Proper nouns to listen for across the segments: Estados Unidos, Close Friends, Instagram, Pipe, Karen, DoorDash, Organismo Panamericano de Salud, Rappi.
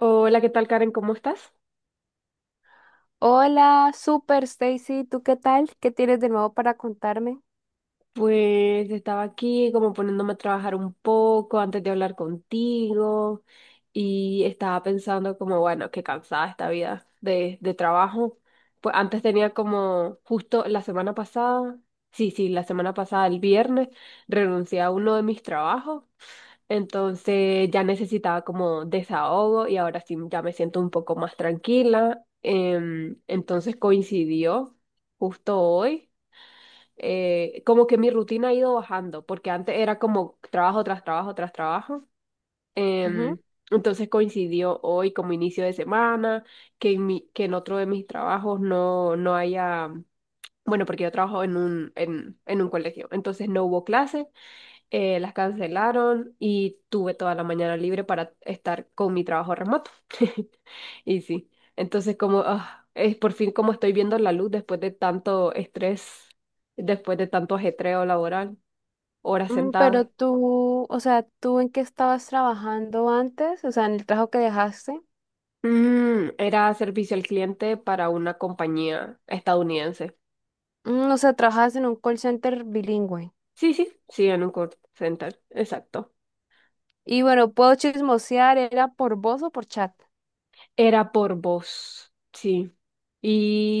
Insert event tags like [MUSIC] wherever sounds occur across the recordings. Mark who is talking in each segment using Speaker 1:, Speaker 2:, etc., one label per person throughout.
Speaker 1: Hola, ¿qué tal, Karen? ¿Cómo estás?
Speaker 2: Hola, super Stacy, ¿tú qué tal? ¿Qué tienes de nuevo para contarme?
Speaker 1: Pues estaba aquí como poniéndome a trabajar un poco antes de hablar contigo y estaba pensando como, bueno, qué cansada esta vida de trabajo. Pues antes tenía como justo la semana pasada, sí, sí, la semana pasada, el viernes, renuncié a uno de mis trabajos, entonces ya necesitaba como desahogo y ahora sí ya me siento un poco más tranquila. Entonces coincidió justo hoy. Como que mi rutina ha ido bajando, porque antes era como trabajo tras trabajo tras trabajo.
Speaker 2: Ujú.
Speaker 1: em, entonces coincidió hoy como inicio de semana, que en otro de mis trabajos no haya, bueno, porque yo trabajo en un colegio, entonces no hubo clase. Las cancelaron y tuve toda la mañana libre para estar con mi trabajo remoto. [LAUGHS] Y sí, entonces como ah, es por fin como estoy viendo la luz después de tanto estrés, después de tanto ajetreo laboral, horas sentadas.
Speaker 2: Pero tú, o sea, ¿tú en qué estabas trabajando antes? O sea, en el trabajo que dejaste.
Speaker 1: Era servicio al cliente para una compañía estadounidense.
Speaker 2: O sea, trabajabas en un call center bilingüe.
Speaker 1: Sí, sí, sí, en un call center, exacto.
Speaker 2: Y bueno, puedo chismosear, ¿era por voz o por chat?
Speaker 1: Era por voz, sí.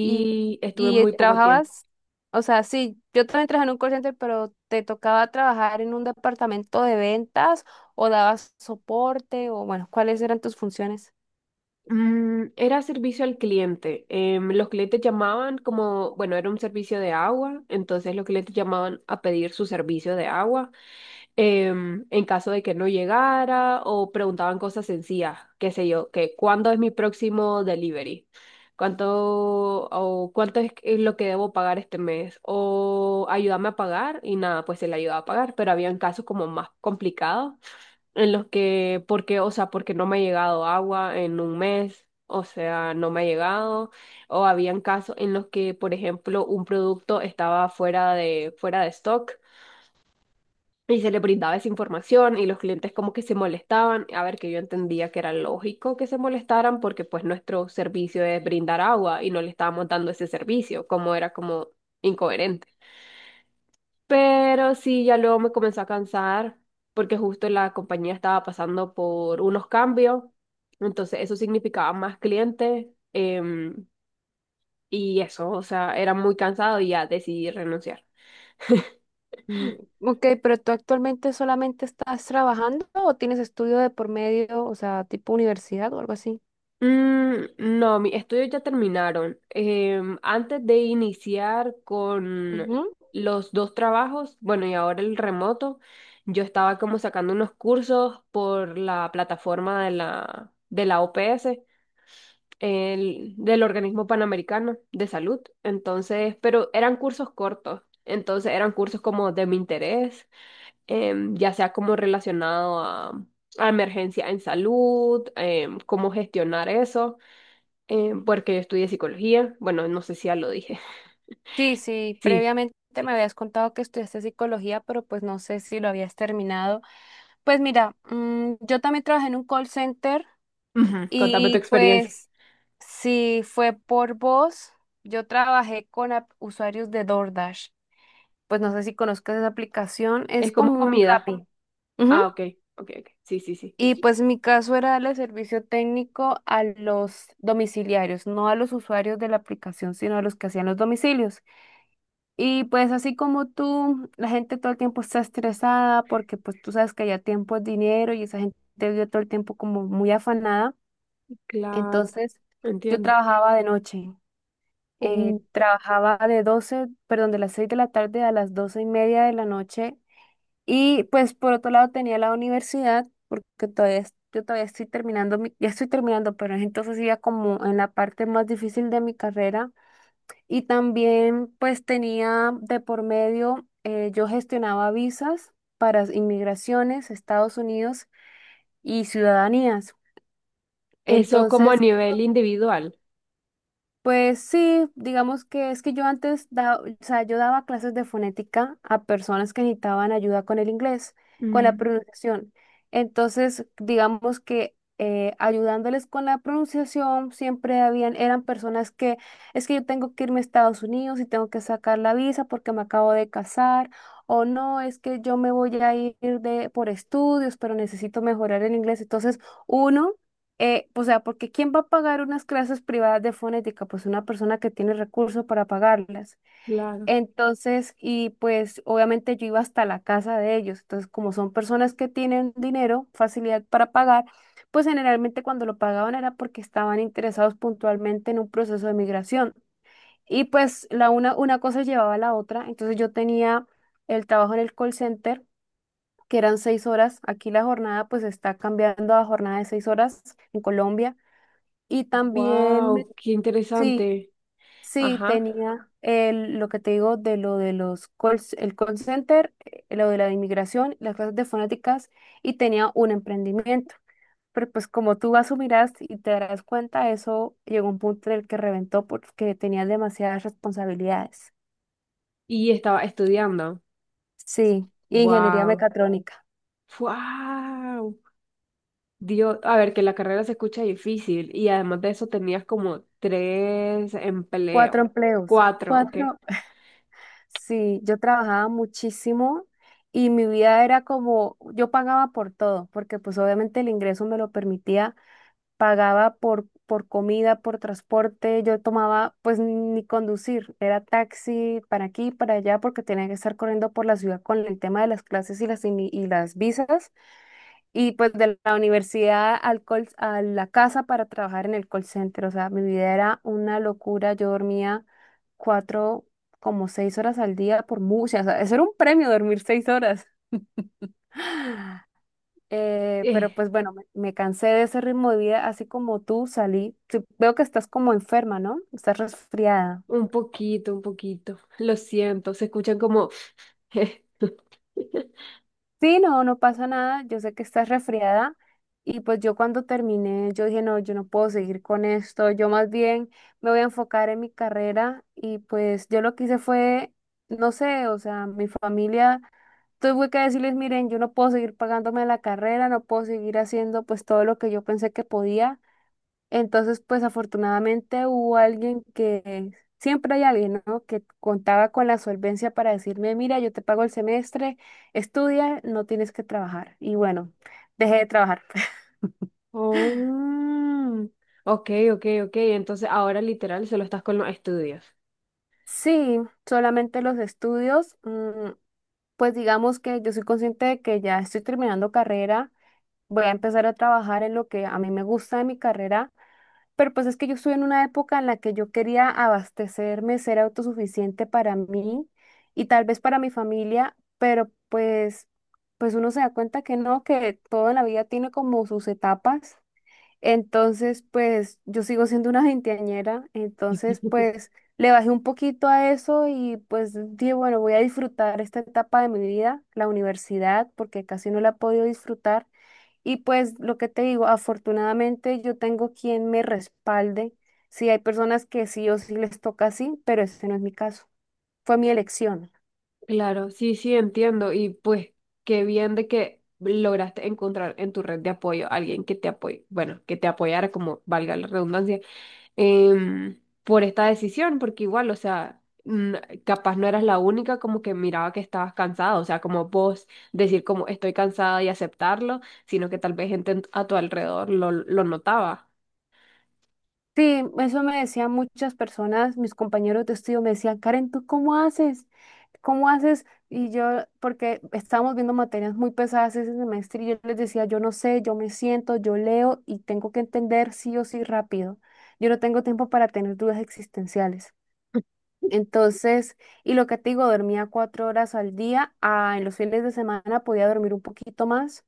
Speaker 2: Y,
Speaker 1: estuve
Speaker 2: y
Speaker 1: muy poco tiempo.
Speaker 2: trabajabas, o sea, sí, yo también trabajé en un call center, pero ¿te tocaba trabajar en un departamento de ventas o dabas soporte o bueno, cuáles eran tus funciones?
Speaker 1: Era servicio al cliente. Los clientes llamaban como, bueno, era un servicio de agua, entonces los clientes llamaban a pedir su servicio de agua. En caso de que no llegara o preguntaban cosas sencillas, qué sé yo, que cuándo es mi próximo delivery, cuánto o cuánto es lo que debo pagar este mes o ayúdame a pagar y nada, pues se le ayudaba a pagar, pero habían casos como más complicados en los que, porque, o sea, porque no me ha llegado agua en un mes, o sea, no me ha llegado, o habían casos en los que, por ejemplo, un producto estaba fuera de stock y se le brindaba esa información y los clientes como que se molestaban, a ver, que yo entendía que era lógico que se molestaran porque pues nuestro servicio es brindar agua y no le estábamos dando ese servicio, como era como incoherente. Pero sí, ya luego me comenzó a cansar porque justo la compañía estaba pasando por unos cambios. Entonces eso significaba más clientes. em, y eso, o sea, era muy cansado y ya decidí renunciar.
Speaker 2: Mm. Ok, pero tú actualmente solamente estás trabajando o tienes estudio de por medio, o sea, tipo universidad o algo así.
Speaker 1: No, mis estudios ya terminaron. Antes de iniciar con
Speaker 2: Ujú.
Speaker 1: los dos trabajos, bueno, y ahora el remoto, yo estaba como sacando unos cursos por la plataforma de la OPS. Del Organismo Panamericano de Salud. Entonces, pero eran cursos cortos. Entonces eran cursos como de mi interés, ya sea como relacionado a, emergencia en salud, cómo gestionar eso, porque yo estudié psicología. Bueno, no sé si ya lo dije. [LAUGHS]
Speaker 2: Sí, sí,
Speaker 1: Sí.
Speaker 2: previamente me habías contado que estudiaste psicología, pero pues no sé si lo habías terminado. Pues mira, yo también trabajé en un call center
Speaker 1: Ujú, contame tu
Speaker 2: y
Speaker 1: experiencia.
Speaker 2: pues si fue por voz, yo trabajé con usuarios de DoorDash. Pues no sé si conozcas esa aplicación,
Speaker 1: Es
Speaker 2: es
Speaker 1: como
Speaker 2: como un
Speaker 1: comida.
Speaker 2: Rappi.
Speaker 1: Ah, ok, ok, ok. Sí, sí, sí.
Speaker 2: Y pues mi caso era darle servicio técnico a los domiciliarios, no a los usuarios de la aplicación, sino a los que hacían los domicilios. Y pues así como tú, la gente todo el tiempo está estresada porque pues tú sabes que ya tiempo es dinero y esa gente vive todo el tiempo como muy afanada.
Speaker 1: Claro,
Speaker 2: Entonces yo
Speaker 1: entiendo.
Speaker 2: trabajaba de noche,
Speaker 1: Uh,
Speaker 2: trabajaba de las 6 de la tarde a las 12:30 de la noche y pues por otro lado tenía la universidad, porque yo todavía estoy terminando, ya estoy terminando, pero entonces iba como en la parte más difícil de mi carrera. Y también pues tenía de por medio, yo gestionaba visas para inmigraciones, Estados Unidos y ciudadanías.
Speaker 1: Eso como a
Speaker 2: Entonces
Speaker 1: nivel individual.
Speaker 2: pues sí, digamos que es que yo antes, o sea, yo daba clases de fonética a personas que necesitaban ayuda con el inglés, con la
Speaker 1: Mm,
Speaker 2: pronunciación. Entonces, digamos que ayudándoles con la pronunciación, siempre habían, eran personas que, es que yo tengo que irme a Estados Unidos y tengo que sacar la visa porque me acabo de casar, o no, es que yo me voy a ir de, por estudios, pero necesito mejorar el inglés. Entonces, uno o sea, porque ¿quién va a pagar unas clases privadas de fonética? Pues una persona que tiene recursos para pagarlas.
Speaker 1: claro.
Speaker 2: Entonces, y pues obviamente yo iba hasta la casa de ellos. Entonces, como son personas que tienen dinero, facilidad para pagar, pues generalmente cuando lo pagaban era porque estaban interesados puntualmente en un proceso de migración. Y pues la una cosa llevaba a la otra. Entonces yo tenía el trabajo en el call center, que eran 6 horas. Aquí la jornada pues está cambiando a jornada de 6 horas en Colombia. Y también,
Speaker 1: Wow, qué
Speaker 2: sí,
Speaker 1: interesante.
Speaker 2: sí,
Speaker 1: Ajá.
Speaker 2: tenía el, lo que te digo de lo de los call, el call center, lo de la inmigración, las clases de fonéticas y tenía un emprendimiento. Pero pues como tú asumirás y te darás cuenta, eso llegó a un punto en el que reventó porque tenía demasiadas responsabilidades.
Speaker 1: Y estaba estudiando.
Speaker 2: Sí, ingeniería
Speaker 1: Wow.
Speaker 2: mecatrónica,
Speaker 1: Wow. Dios, a ver, que la carrera se escucha difícil y además de eso tenías como tres
Speaker 2: cuatro
Speaker 1: empleos,
Speaker 2: empleos,
Speaker 1: cuatro, ¿ok?
Speaker 2: cuatro. Sí, yo trabajaba muchísimo y mi vida era como, yo pagaba por todo, porque pues obviamente el ingreso me lo permitía, pagaba por comida, por transporte, yo tomaba pues ni conducir, era taxi para aquí, para allá, porque tenía que estar corriendo por la ciudad con el tema de las clases y las, y las visas. Y pues de la universidad a la casa para trabajar en el call center. O sea, mi vida era una locura. Yo dormía cuatro, como 6 horas al día por muchas. O sea, eso era un premio dormir 6 horas. [GASPS] [SIGHS]
Speaker 1: Eh,
Speaker 2: Pero pues bueno, me cansé de ese ritmo de vida, así como tú salí. Sí, veo que estás como enferma, ¿no? Estás resfriada.
Speaker 1: un poquito, un poquito. Lo siento, se escuchan como. [LAUGHS]
Speaker 2: Sí, no, no pasa nada. Yo sé que estás resfriada y pues yo cuando terminé, yo dije, no, yo no puedo seguir con esto. Yo más bien me voy a enfocar en mi carrera y pues yo lo que hice fue, no sé, o sea, mi familia, tuve que decirles, miren, yo no puedo seguir pagándome la carrera, no puedo seguir haciendo pues todo lo que yo pensé que podía. Entonces, pues afortunadamente hubo alguien que, siempre hay alguien, ¿no? Que contaba con la solvencia para decirme, mira, yo te pago el semestre, estudia, no tienes que trabajar. Y bueno, dejé de trabajar. [LAUGHS]
Speaker 1: Oh, ok, ok, ok. Entonces ahora literal solo estás con los estudios.
Speaker 2: Sí, solamente los estudios, pues digamos que yo soy consciente de que ya estoy terminando carrera, voy a empezar a trabajar en lo que a mí me gusta de mi carrera. Pero pues es que yo estuve en una época en la que yo quería abastecerme, ser autosuficiente para mí y tal vez para mi familia, pero pues, pues uno se da cuenta que no, que todo en la vida tiene como sus etapas. Entonces, pues yo sigo siendo una veinteañera, entonces
Speaker 1: [LAUGHS]
Speaker 2: pues le bajé un poquito a eso y pues dije, bueno, voy a disfrutar esta etapa de mi vida, la universidad, porque casi no la he podido disfrutar. Y pues lo que te digo, afortunadamente yo tengo quien me respalde. Sí, hay personas que sí o sí les toca así, pero este no es mi caso. Fue mi elección.
Speaker 1: Claro, sí, sí, entiendo. Y pues qué bien de que lograste encontrar en tu red de apoyo a alguien que te apoye, bueno, que te apoyara, como valga la redundancia, por esta decisión, porque igual, o sea, capaz no eras la única como que miraba que estabas cansada, o sea, como vos decir como estoy cansada y aceptarlo, sino que tal vez gente a tu alrededor lo notaba.
Speaker 2: Sí, eso me decían muchas personas, mis compañeros de estudio me decían, Karen, ¿tú cómo haces? ¿Cómo haces? Y yo, porque estábamos viendo materias muy pesadas ese semestre y yo les decía, yo no sé, yo me siento, yo leo y tengo que entender sí o sí rápido. Yo no tengo tiempo para tener dudas existenciales. Entonces, y lo que te digo, dormía 4 horas al día. Ah, en los fines de semana podía dormir un poquito más,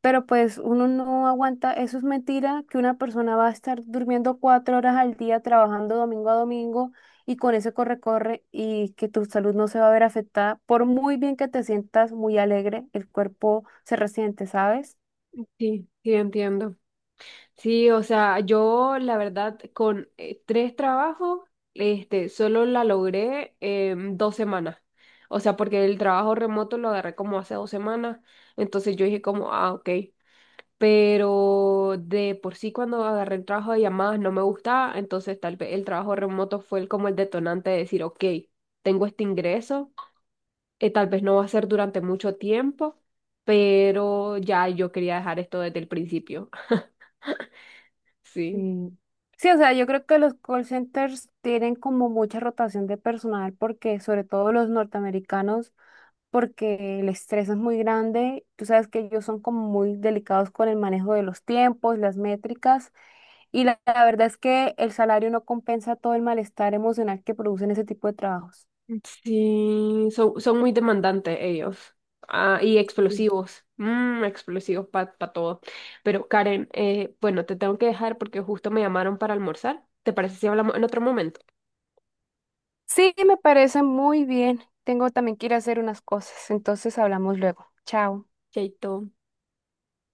Speaker 2: pero pues uno no aguanta. Eso es mentira, que una persona va a estar durmiendo 4 horas al día, trabajando domingo a domingo y con ese corre-corre y que tu salud no se va a ver afectada. Por muy bien que te sientas muy alegre, el cuerpo se resiente, ¿sabes?
Speaker 1: Sí, sí, entiendo. Sí, o sea, yo la verdad con tres trabajos, este, solo la logré en dos semanas. O sea, porque el trabajo remoto lo agarré como hace dos semanas, entonces yo dije como, ah, ok. Pero de por sí cuando agarré el trabajo de llamadas no me gustaba, entonces tal vez el trabajo remoto fue como el detonante de decir, ok, tengo este ingreso, tal vez no va a ser durante mucho tiempo, pero ya yo quería dejar esto desde el principio. [LAUGHS] Sí.
Speaker 2: Sí. Sí, o sea, yo creo que los call centers tienen como mucha rotación de personal porque sobre todo los norteamericanos porque el estrés es muy grande. Tú sabes que ellos son como muy delicados con el manejo de los tiempos, las métricas, y la verdad es que el salario no compensa todo el malestar emocional que producen ese tipo de trabajos.
Speaker 1: Sí, son muy demandantes ellos. Ah, y
Speaker 2: Sí.
Speaker 1: explosivos. Explosivos para todo. Pero Karen, bueno, te tengo que dejar porque justo me llamaron para almorzar. ¿Te parece si hablamos en otro momento?
Speaker 2: Sí, me parece muy bien. Tengo también que ir a hacer unas cosas, entonces hablamos luego. Chao.
Speaker 1: Chaito.